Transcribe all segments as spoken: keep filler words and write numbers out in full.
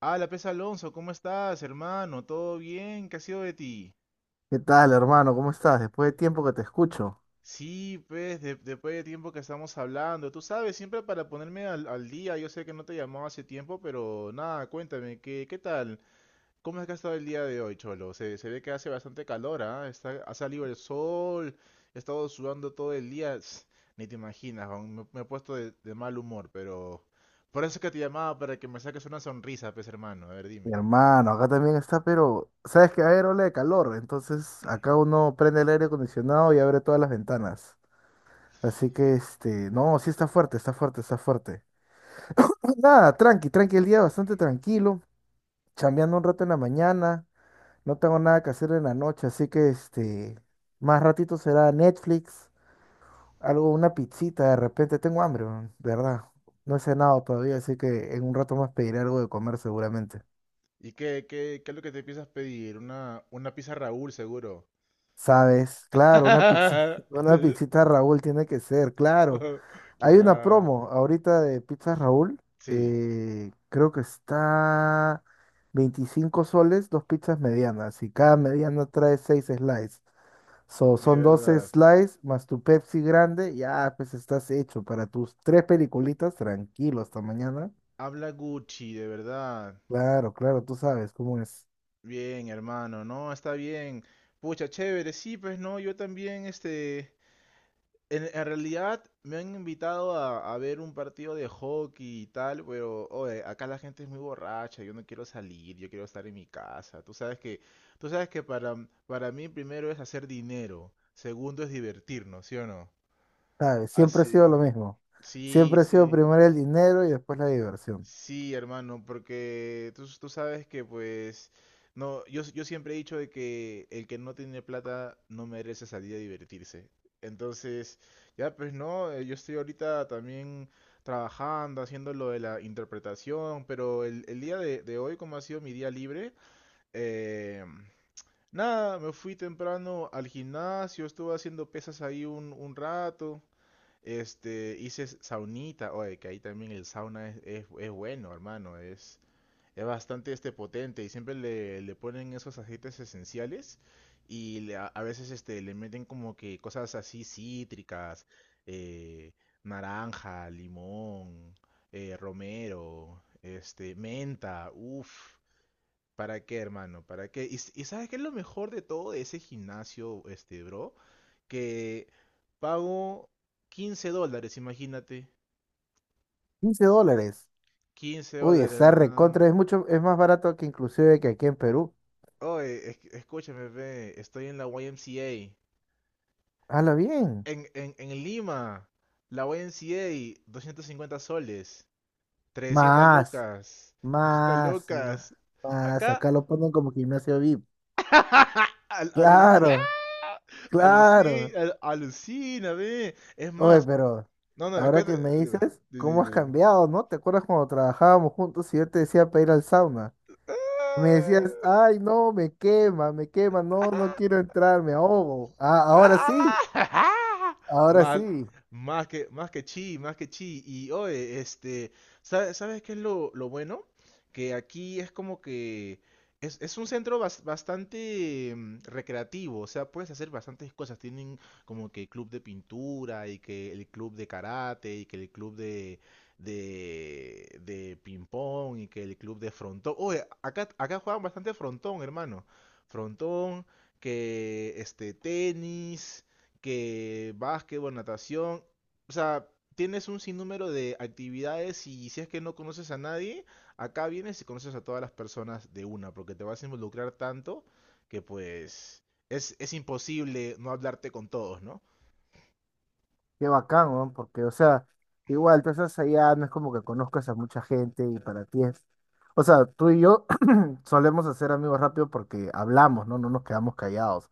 Ah, la pez Alonso, ¿cómo estás, hermano? ¿Todo bien? ¿Qué ha sido de ti? ¿Qué tal, hermano? ¿Cómo estás? Después de tiempo que te escucho. Sí, pues, de- después de tiempo que estamos hablando. Tú sabes, siempre para ponerme al, al día, yo sé que no te llamaba hace tiempo, pero nada, cuéntame, ¿qué, qué tal? ¿Cómo es que ha estado el día de hoy, Cholo? Se, se ve que hace bastante calor, ¿ah? Está, ha salido el sol, he estado sudando todo el día. Ts, ni te imaginas, aún me, me he puesto de, de mal humor, pero... Por eso es que te llamaba, para que me saques una sonrisa, pues, hermano. A ver, Mi dime. hermano, acá también está, pero sabes que hay ola de calor, entonces acá uno prende el aire acondicionado y abre todas las ventanas. Así que este, no, sí está fuerte, está fuerte, está fuerte. Nada, tranqui, tranqui, el día bastante tranquilo, chambeando un rato en la mañana, no tengo nada que hacer en la noche, así que este, más ratito será Netflix, algo, una pizzita, de repente tengo hambre, man, de verdad. No he cenado todavía, así que en un rato más pediré algo de comer seguramente. ¿Y qué, qué, qué es lo que te piensas pedir? Una, una pizza Raúl, seguro. Sabes, claro, una pizza, una pizzita Raúl tiene que ser, claro. Oh, Hay una claro. promo ahorita de pizza Raúl, Sí, eh, creo que está veinticinco soles, dos pizzas medianas, y cada mediana trae seis slices. So, de son doce verdad. slices más tu Pepsi grande, ya pues estás hecho para tus tres peliculitas, tranquilo, hasta mañana. Habla Gucci, de verdad. Claro, claro, tú sabes cómo es. Bien, hermano, no, está bien. Pucha, chévere, sí, pues no, yo también, este, En, en realidad me han invitado a, a ver un partido de hockey y tal, pero oye, acá la gente es muy borracha, yo no quiero salir, yo quiero estar en mi casa. Tú sabes que, tú sabes que para, para mí primero es hacer dinero, segundo es divertirnos, ¿sí o no? Sabes, siempre ha sido Así, lo mismo. sí, Siempre ha sido sí. primero el dinero y después la diversión. Sí, hermano, porque tú, tú sabes que pues no, yo, yo siempre he dicho de que el que no tiene plata no merece salir a divertirse. Entonces, ya pues no, eh, yo estoy ahorita también trabajando, haciendo lo de la interpretación, pero el, el día de, de hoy, como ha sido mi día libre, eh, nada, me fui temprano al gimnasio, estuve haciendo pesas ahí un, un rato. Este, hice saunita, oye, que ahí también el sauna es, es, es bueno, hermano, es, es bastante este potente y siempre le, le ponen esos aceites esenciales y le- a, a veces este, le meten como que cosas así cítricas, eh, naranja, limón, eh, romero, este, menta, uff. ¿Para qué, hermano? ¿Para qué? Y, s- y ¿sabes qué es lo mejor de todo de ese gimnasio, este, bro? Que pago quince dólares, imagínate. Quince dólares. quince Uy, dólares, está nada. recontra, es mucho, es más barato que inclusive que aquí en Perú. Oye, es- escúchame, ve, estoy en la Y M C A. Hala bien. En, en, en Lima, la Y M C A, cincuenta soles. trescientas Más, lucas. trescientas más, más, lucas. más. Acá, Acá lo ponen como gimnasio VIP. al- aluci- Claro, ¡ah! claro. aluci- al- alucina, ve. Es Oye, más, pero no, no, ahora que cuéntame. me Dime, dices, dime, ¿cómo dime, has dime. cambiado, no? ¿Te acuerdas cuando trabajábamos juntos y yo te decía para ir al sauna? Me Ah, decías, ay, no, me quema, me quema, no, no ah. quiero entrar, me ahogo. Ah, ahora sí, ¡Ah! ahora Más, sí. más que, más que chi, más que chi. Y oye, este, ¿sabe- sabes qué es lo, lo bueno? Que aquí es como que es, es un centro bas- bastante mm, recreativo, o sea, puedes hacer bastantes cosas. Tienen como que club de pintura y que el club de karate y que el club de, de, de ping-pong y que el club de frontón. Oye, acá, acá juegan bastante frontón, hermano. Frontón que este, tenis, que básquetbol, natación. O sea, tienes un sinnúmero de actividades y si es que no conoces a nadie, acá vienes y conoces a todas las personas de una, porque te vas a involucrar tanto que pues es, es imposible no hablarte con todos, ¿no? Qué bacán, weón, Porque, o sea, igual tú estás allá, no es como que conozcas a mucha gente y para ti es. O sea, tú y yo solemos hacer amigos rápido porque hablamos, ¿no? No nos quedamos callados.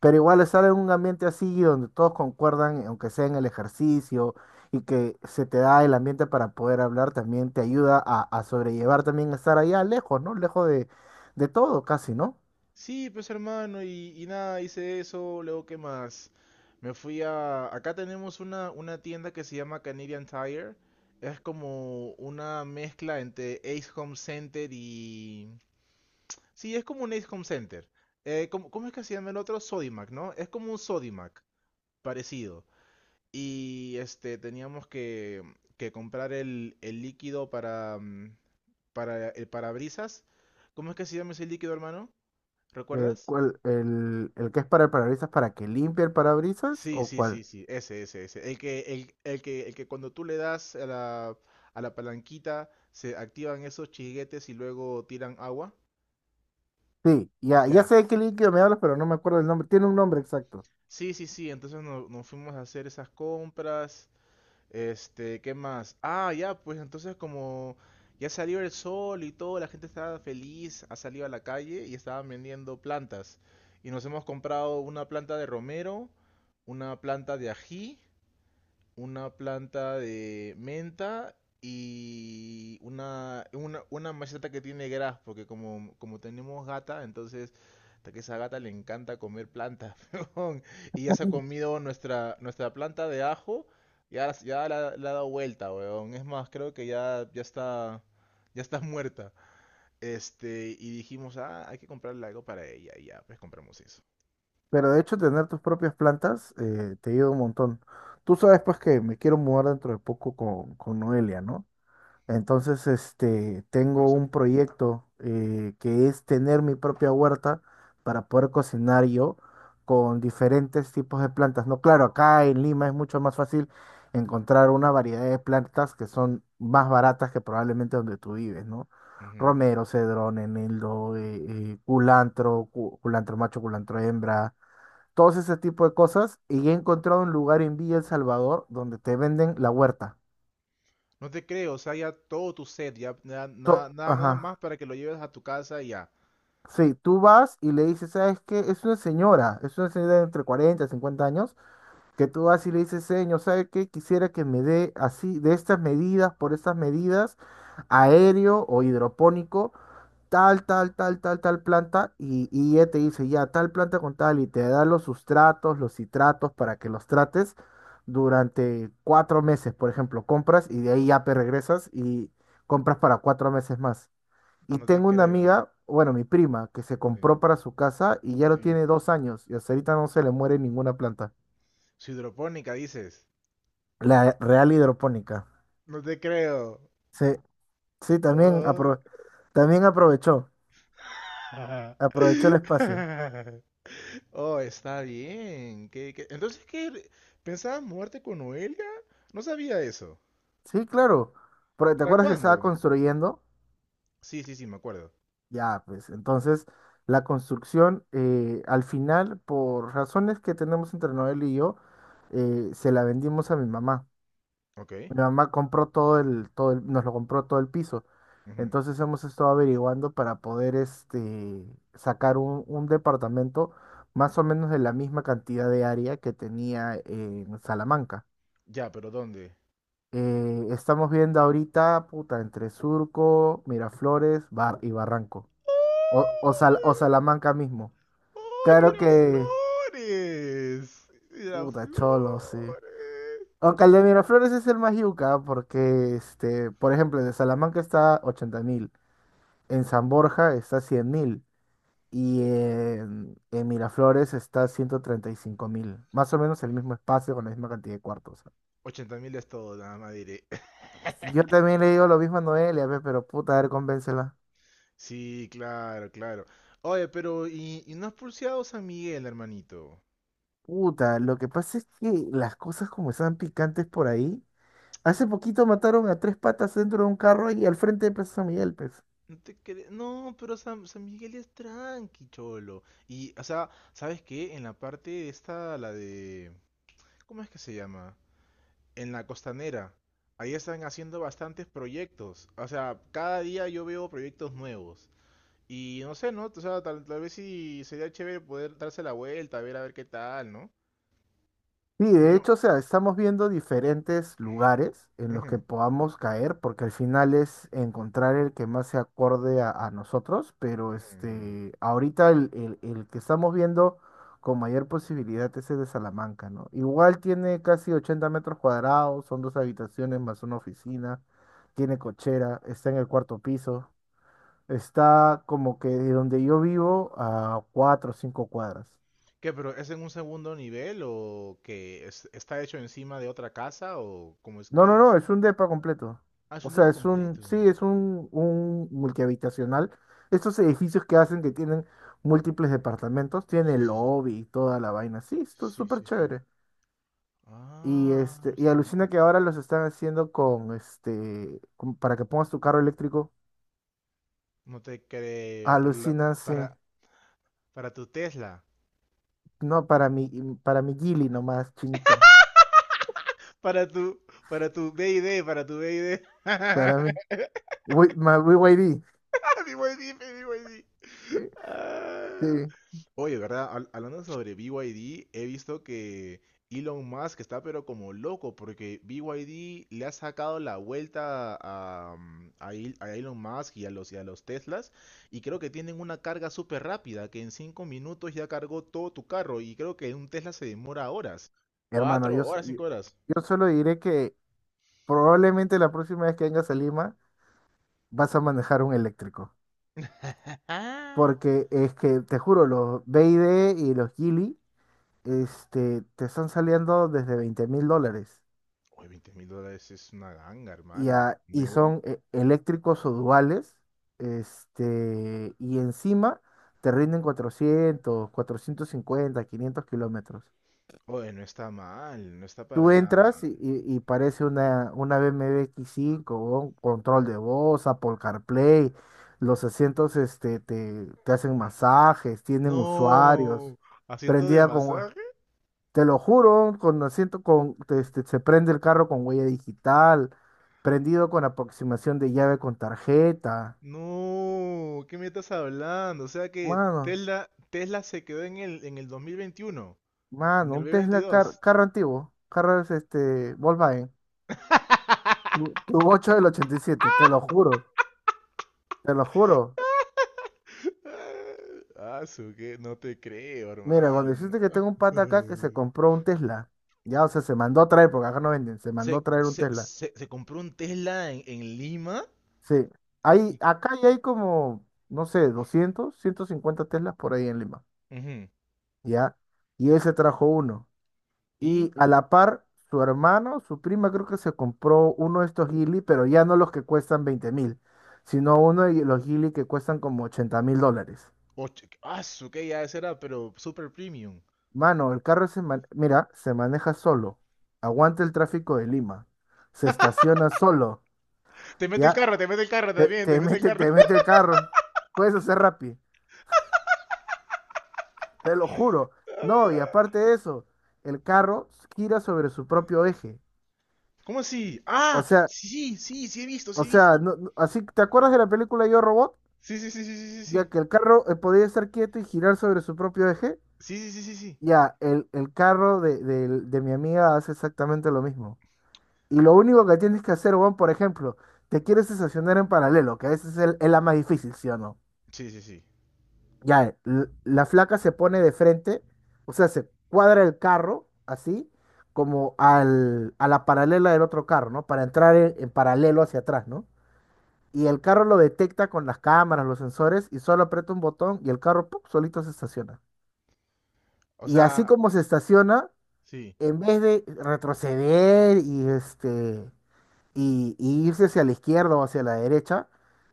Pero igual estar en un ambiente así donde todos concuerdan, aunque sea en el ejercicio, y que se te da el ambiente para poder hablar, también te ayuda a, a sobrellevar también estar allá lejos, ¿no? Lejos de, de todo casi, ¿no? Sí, pues hermano, y, y nada, hice eso, luego qué más. Me fui a... Acá tenemos una, una tienda que se llama Canadian Tire. Es como una mezcla entre Ace Home Center y... Sí, es como un Ace Home Center. Eh, ¿cómo, cómo es que se llama el otro? Sodimac, ¿no? Es como un Sodimac, parecido. Y este, teníamos que, que comprar el, el líquido para, mm, para el parabrisas. ¿Cómo es que se llama ese líquido, hermano? Eh, ¿Recuerdas? ¿cuál- el, el que es para el parabrisas para que limpie el parabrisas Sí, o sí, sí, cuál? sí, ese, ese, ese. El que, el, el que, el que cuando tú le das a la, a la palanquita se activan esos chiguetes y luego tiran agua. Sí, ya, ya Ya. sé de qué líquido me hablas, pero no me acuerdo el nombre. Tiene un nombre exacto. Sí, sí, sí, entonces no- nos fuimos a hacer esas compras. Este, ¿qué más? Ah, ya, pues entonces como ya salió el sol y todo, la gente estaba feliz, ha salido a la calle y estaban vendiendo plantas. Y nos hemos comprado una planta de romero, una planta de ají, una planta de menta y una, una, una maceta que tiene gras, porque como, como tenemos gata, entonces hasta que esa gata le encanta comer plantas, weón. Y ya se ha comido nuestra, nuestra planta de ajo, ya, ya la, la ha dado vuelta, weón. Es más, creo que ya, ya está, ya está muerta. Este, y dijimos, ah, hay que comprarle algo para ella, y ya, pues compramos eso. Pero de hecho, tener tus propias plantas eh, te ayuda un montón. Tú sabes, pues, que me quiero mudar dentro de poco con, con Noelia, ¿no? Entonces, este, No lo tengo un sabía. proyecto eh, que es tener mi propia huerta para poder cocinar yo con diferentes tipos de plantas. No, claro, acá en Lima es mucho más fácil encontrar una variedad de plantas que son más baratas que probablemente donde tú vives, ¿no? Romero, cedrón, eneldo, eh, eh, culantro, cu- culantro macho, culantro hembra, todos ese tipo de cosas. Y he encontrado un lugar en Villa El Salvador donde te venden la huerta. No te creo, o sea, ya todo tu set, ya na- na- To- nada, Ajá. nada más para que lo lleves a tu casa y ya. Sí, tú vas y le dices, ¿sabes qué? Es una señora, es una señora de entre cuarenta y cincuenta años, que tú vas y le dices, señor, ¿sabes qué? Quisiera que me dé así, de estas medidas, por estas medidas, aéreo o hidropónico, tal, tal, tal, tal, tal planta, y, y ella te dice, ya, tal planta con tal, y te da los sustratos, los citratos para que los trates durante cuatro meses, por ejemplo, compras y de ahí ya te regresas y compras para cuatro meses más. Y No te tengo una creo. amiga, bueno, mi prima, que se Sí, compró para su casa y ya lo sí. tiene dos años y hasta ahorita no se le muere ninguna planta. Su hidropónica, dices. La real hidropónica. No te creo. Sí, sí, también, Oh, apro- también aprovechó, aprovechó el espacio. oh, está bien. ¿Qué- qué? Entonces, ¿qué? ¿Pensabas mudarte con Noelia? No sabía eso. Sí, claro, pero ¿te ¿Para acuerdas que estaba cuándo? construyendo? Sí, sí, sí, me acuerdo. Ya, pues entonces la construcción eh, al final, por razones que tenemos entre Noel y yo, eh, se la vendimos a mi mamá. Ok. Mi mamá compró todo el, todo el- nos lo compró todo el piso. Ujú. Entonces hemos estado averiguando para poder este, sacar un, un departamento más o menos de la misma cantidad de área que tenía en Salamanca. Ya, pero ¿dónde? Eh, estamos viendo ahorita, puta, entre Surco, Miraflores, Bar y Barranco. O, o, Sal- o Salamanca mismo. Claro que, ¡Oh, Miraflores! Miraflores. puta, cholo, sí. Aunque el de Miraflores es el más yuca, porque, este, por ejemplo, el de Salamanca está ochenta mil. En San Borja está cien mil, y en, en Miraflores está ciento treinta y cinco mil. Más o menos el mismo espacio con la misma cantidad de cuartos. Ochenta mil es todo, nada más diré. Yo también le digo lo mismo a Noelia, pe, pero puta, a ver, convéncela. Sí, claro, claro. Oye, pero ¿y, y no has pulseado San Miguel, hermanito? Puta, lo que pasa es que las cosas como están picantes por ahí. Hace poquito mataron a tres patas dentro de un carro y al frente de Plaza San Miguel, pues. No te cre- No, pero San, San Miguel es tranqui, cholo. Y, o sea, ¿sabes qué? En la parte esta, la de... ¿Cómo es que se llama? En la costanera. Ahí están haciendo bastantes proyectos. O sea, cada día yo veo proyectos nuevos. Y no sé, ¿no? O sea, tal, tal vez sí sería chévere poder darse la vuelta, ver a ver qué tal, ¿no? Sí, de Yo. hecho, o sea, estamos viendo diferentes lugares en los que Ujú, podamos caer, porque al final es encontrar el que más se acorde a, a nosotros, pero ujú, ujú. este, ahorita el, el- el que estamos viendo con mayor posibilidad es el de Salamanca, ¿no? Igual tiene casi ochenta metros cuadrados, son dos habitaciones más una oficina, tiene cochera, está en el cuarto piso, está como que de donde yo vivo a cuatro o cinco cuadras. ¿Qué, pero es en un segundo nivel o que es- está hecho encima de otra casa o cómo es No, que no, no, es? es un depa completo. Ah, es O un depa sea, es un, completo. sí, es un, un multihabitacional. Estos edificios que hacen que tienen múltiples departamentos, tiene Sí, sí, sí. lobby y toda la vaina. Sí, esto es Sí, súper sí, sí. chévere. Y Ah, no este, y está alucina mal. que ahora los están haciendo con este, con- para que pongas tu carro eléctrico. No te creo. Para la- Alucina, sí. para, para tu Tesla. No, para mi, mm, para mi Gili nomás, chinito. Para tu, para tu B y D, para tu B I D. Para mí. Wi- my B Y D. Mi buen jefe, mi buen jefe. Sí, Ah. sí. Oye, ¿verdad? Hab- Hablando sobre B Y D, he visto que Elon Musk está pero como loco porque B Y D le ha sacado la vuelta a, mm, a Il- a Elon Musk y a los, y a los Teslas y creo que tienen una carga súper rápida que en cinco minutos ya cargó todo tu carro y creo que un Tesla se demora horas. Hermano, Cuatro yo, s- horas, yo cinco horas. yo solo diré que Probablemente la próxima vez que vengas a Lima vas a manejar un eléctrico. Ah, Porque es que, te juro, los B I D y D y los Geely este, te están saliendo desde veinte mil dólares. oye, veinte mil dólares es una ganga, Y, hermano. a- y ¿Nuevo? son eh, eléctricos o duales. Este, y encima te rinden cuatrocientos, cuatrocientos cincuenta, quinientos kilómetros. Oye, no está mal, no está Tú para nada entras mal. y, y- y parece una, una B BMW x cinco con control de voz, Apple CarPlay, los asientos este, te, te hacen masajes, tienen usuarios, No, asiento de prendida con, masaje. te lo juro, con asiento con, te- este, se prende el carro con huella digital, prendido con aproximación de llave con tarjeta. No, ¿qué me estás hablando? O sea que Mano, Tesla, Tesla se quedó en el, en el dos mil veintiuno, en mano, el un Tesla car- dos mil veintidós. carro antiguo, carro es este, Volkswagen, tu, tu ocho del ochenta y siete te lo juro, te lo juro. Ah, su que no te creo, Mira, cuando hermano. dijiste que tengo un pata acá que se compró un Tesla, ya, o sea, se mandó a traer, porque acá no venden, se mandó a Se, traer un se, Tesla. se, se compró un Tesla en, en Lima Sí, hay, y, acá ya hay como, no sé, doscientos, ciento cincuenta Teslas por ahí en Lima, ujú, ya, y él se trajo uno. y Y a la par, su hermano, su prima, creo que se compró uno de estos Geely, pero ya no los que cuestan veinte mil, sino uno de los Geely que cuestan como ochenta mil dólares. ocho- ah, su que ya ese era, pero super premium. Mano, el carro se man- mira, se maneja solo, aguanta el tráfico de Lima, se estaciona solo, Te mete el ya carro, te mete el carro te, también, te te mete el mete, carro. te mete el carro, puedes hacer rápido, te lo juro. No, y aparte de eso, el carro gira sobre su propio eje. ¿Cómo así? O Ah, sea, sí, sí, sí he visto, sí o he sea, visto. no- no- así, ¿te acuerdas de la película Yo Robot? Sí, sí, sí, sí, sí, sí, sí. Ya que el carro eh, podía estar quieto y girar sobre su propio eje, Sí, sí, sí, sí, sí. ya el, el carro de, del- de mi amiga hace exactamente lo mismo. Y lo único que tienes que hacer, Juan, por ejemplo, te quieres estacionar en paralelo, que a veces es, el- es la más difícil, ¿sí o no? Sí, sí, sí. Ya, l- la flaca se pone de frente, o sea, se cuadra el carro así, como al, a la paralela del otro carro, ¿no? Para entrar en, en paralelo hacia atrás, ¿no? Y el carro lo detecta con las cámaras, los sensores, y solo aprieta un botón y el carro, ¡pum!, solito se estaciona. O Y así sea, como se estaciona, sí. en vez de retroceder y este y, y irse hacia la izquierda o hacia la derecha,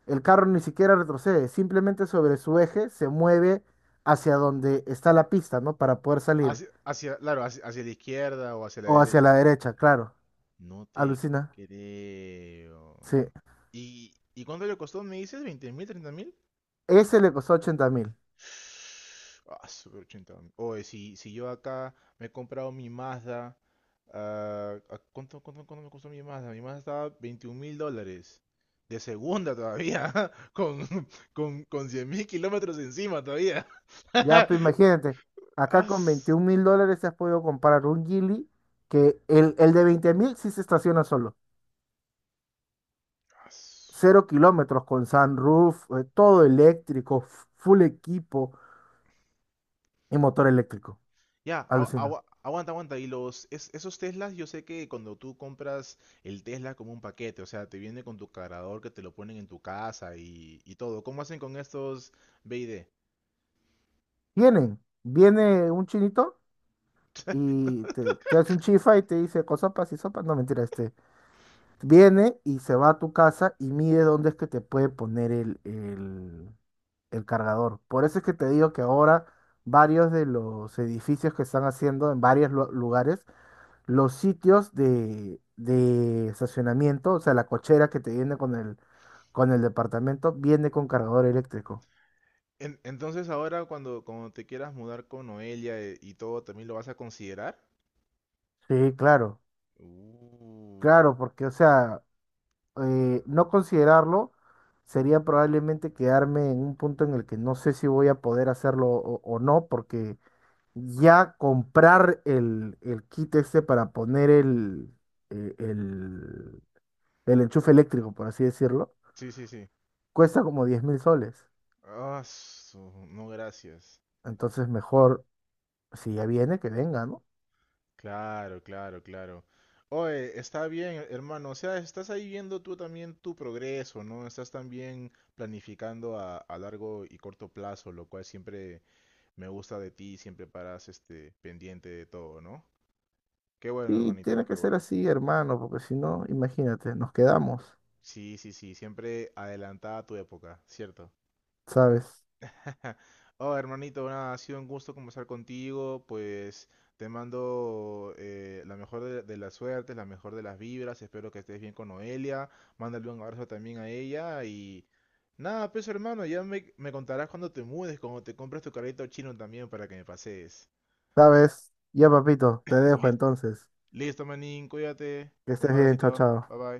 el carro ni siquiera retrocede, simplemente sobre su eje se mueve hacia donde está la pista, ¿no? Para poder salir. Hacia, hacia, claro, hacia, hacia la izquierda o hacia la O hacia la derecha. derecha, claro. No te Alucina. creo. Sí. ¿Y, y cuánto le costó? ¿Me dices? ¿Veinte mil, treinta mil? Ese le costó ochenta mil. Ah, super ochenta. Oye, si, si yo acá me he comprado mi Mazda. ah, ¿a ¿cuánto, cuánto, cuánto me costó mi Mazda? Mi Mazda estaba veintiún mil dólares. De segunda todavía. Con, con, con cien mil kilómetros encima todavía. Ya, pues imagínate, acá con As- veintiún mil dólares has podido comprar un Gili que el, el de veinte mil sí se estaciona solo. as. Cero kilómetros con sunroof, eh, todo eléctrico, f- full equipo y motor eléctrico. Ya, agu- Alucina. agu- aguanta, aguanta. Y los, es- esos Teslas, yo sé que cuando tú compras el Tesla como un paquete, o sea, te viene con tu cargador que te lo ponen en tu casa y, y todo. ¿Cómo hacen con estos B I D? vienen viene un chinito y te, te hace un chifa y te dice cosopas y sopas. No, mentira, este. Viene y se va a tu casa y mide dónde es que te puede poner el, el, el cargador. Por eso es que te digo que ahora varios de los edificios que están haciendo en varios lu- lugares, los sitios de, de estacionamiento, o sea, la cochera que te viene con el, con el departamento, viene con cargador eléctrico. En- entonces ahora cuando, cuando te quieras mudar con Noelia eh, y todo, ¿también lo vas a considerar? Sí, claro, Uh, claro, porque, o sea, eh, no considerarlo sería probablemente quedarme en un punto en el que no sé si voy a poder hacerlo o, o no, porque ya comprar el, el kit este para poner el, el, el- el enchufe eléctrico, por así decirlo, sí, sí, sí. cuesta como diez mil soles. Ah, su- no, gracias. Entonces mejor, si ya viene, que venga, ¿no? Claro, claro, claro. Oye, está bien, hermano. O sea, estás ahí viendo tú también tu progreso, ¿no? Estás también planificando a, a largo y corto plazo, lo cual siempre me gusta de ti, siempre paras este pendiente de todo, ¿no? Qué bueno, Sí, hermanito, tiene qué que ser bueno. así, hermano, porque si no, imagínate, nos quedamos, Sí, sí, sí, siempre adelantada a tu época, ¿cierto? ¿sabes? Ja. Oh, hermanito, nada, ha sido un gusto conversar contigo. Pues te mando eh, la mejor de, de las suertes, la mejor de las vibras. Espero que estés bien con Noelia. Mándale un abrazo también a ella. Y nada, pues hermano, ya me, me contarás cuando te mudes, cuando te compres tu carrito chino también para que me pases. ¿Sabes? Ya, papito, te dejo Listo, entonces. listo, manín, cuídate. Que Un estés bien, chao, abracito, chao. bye bye.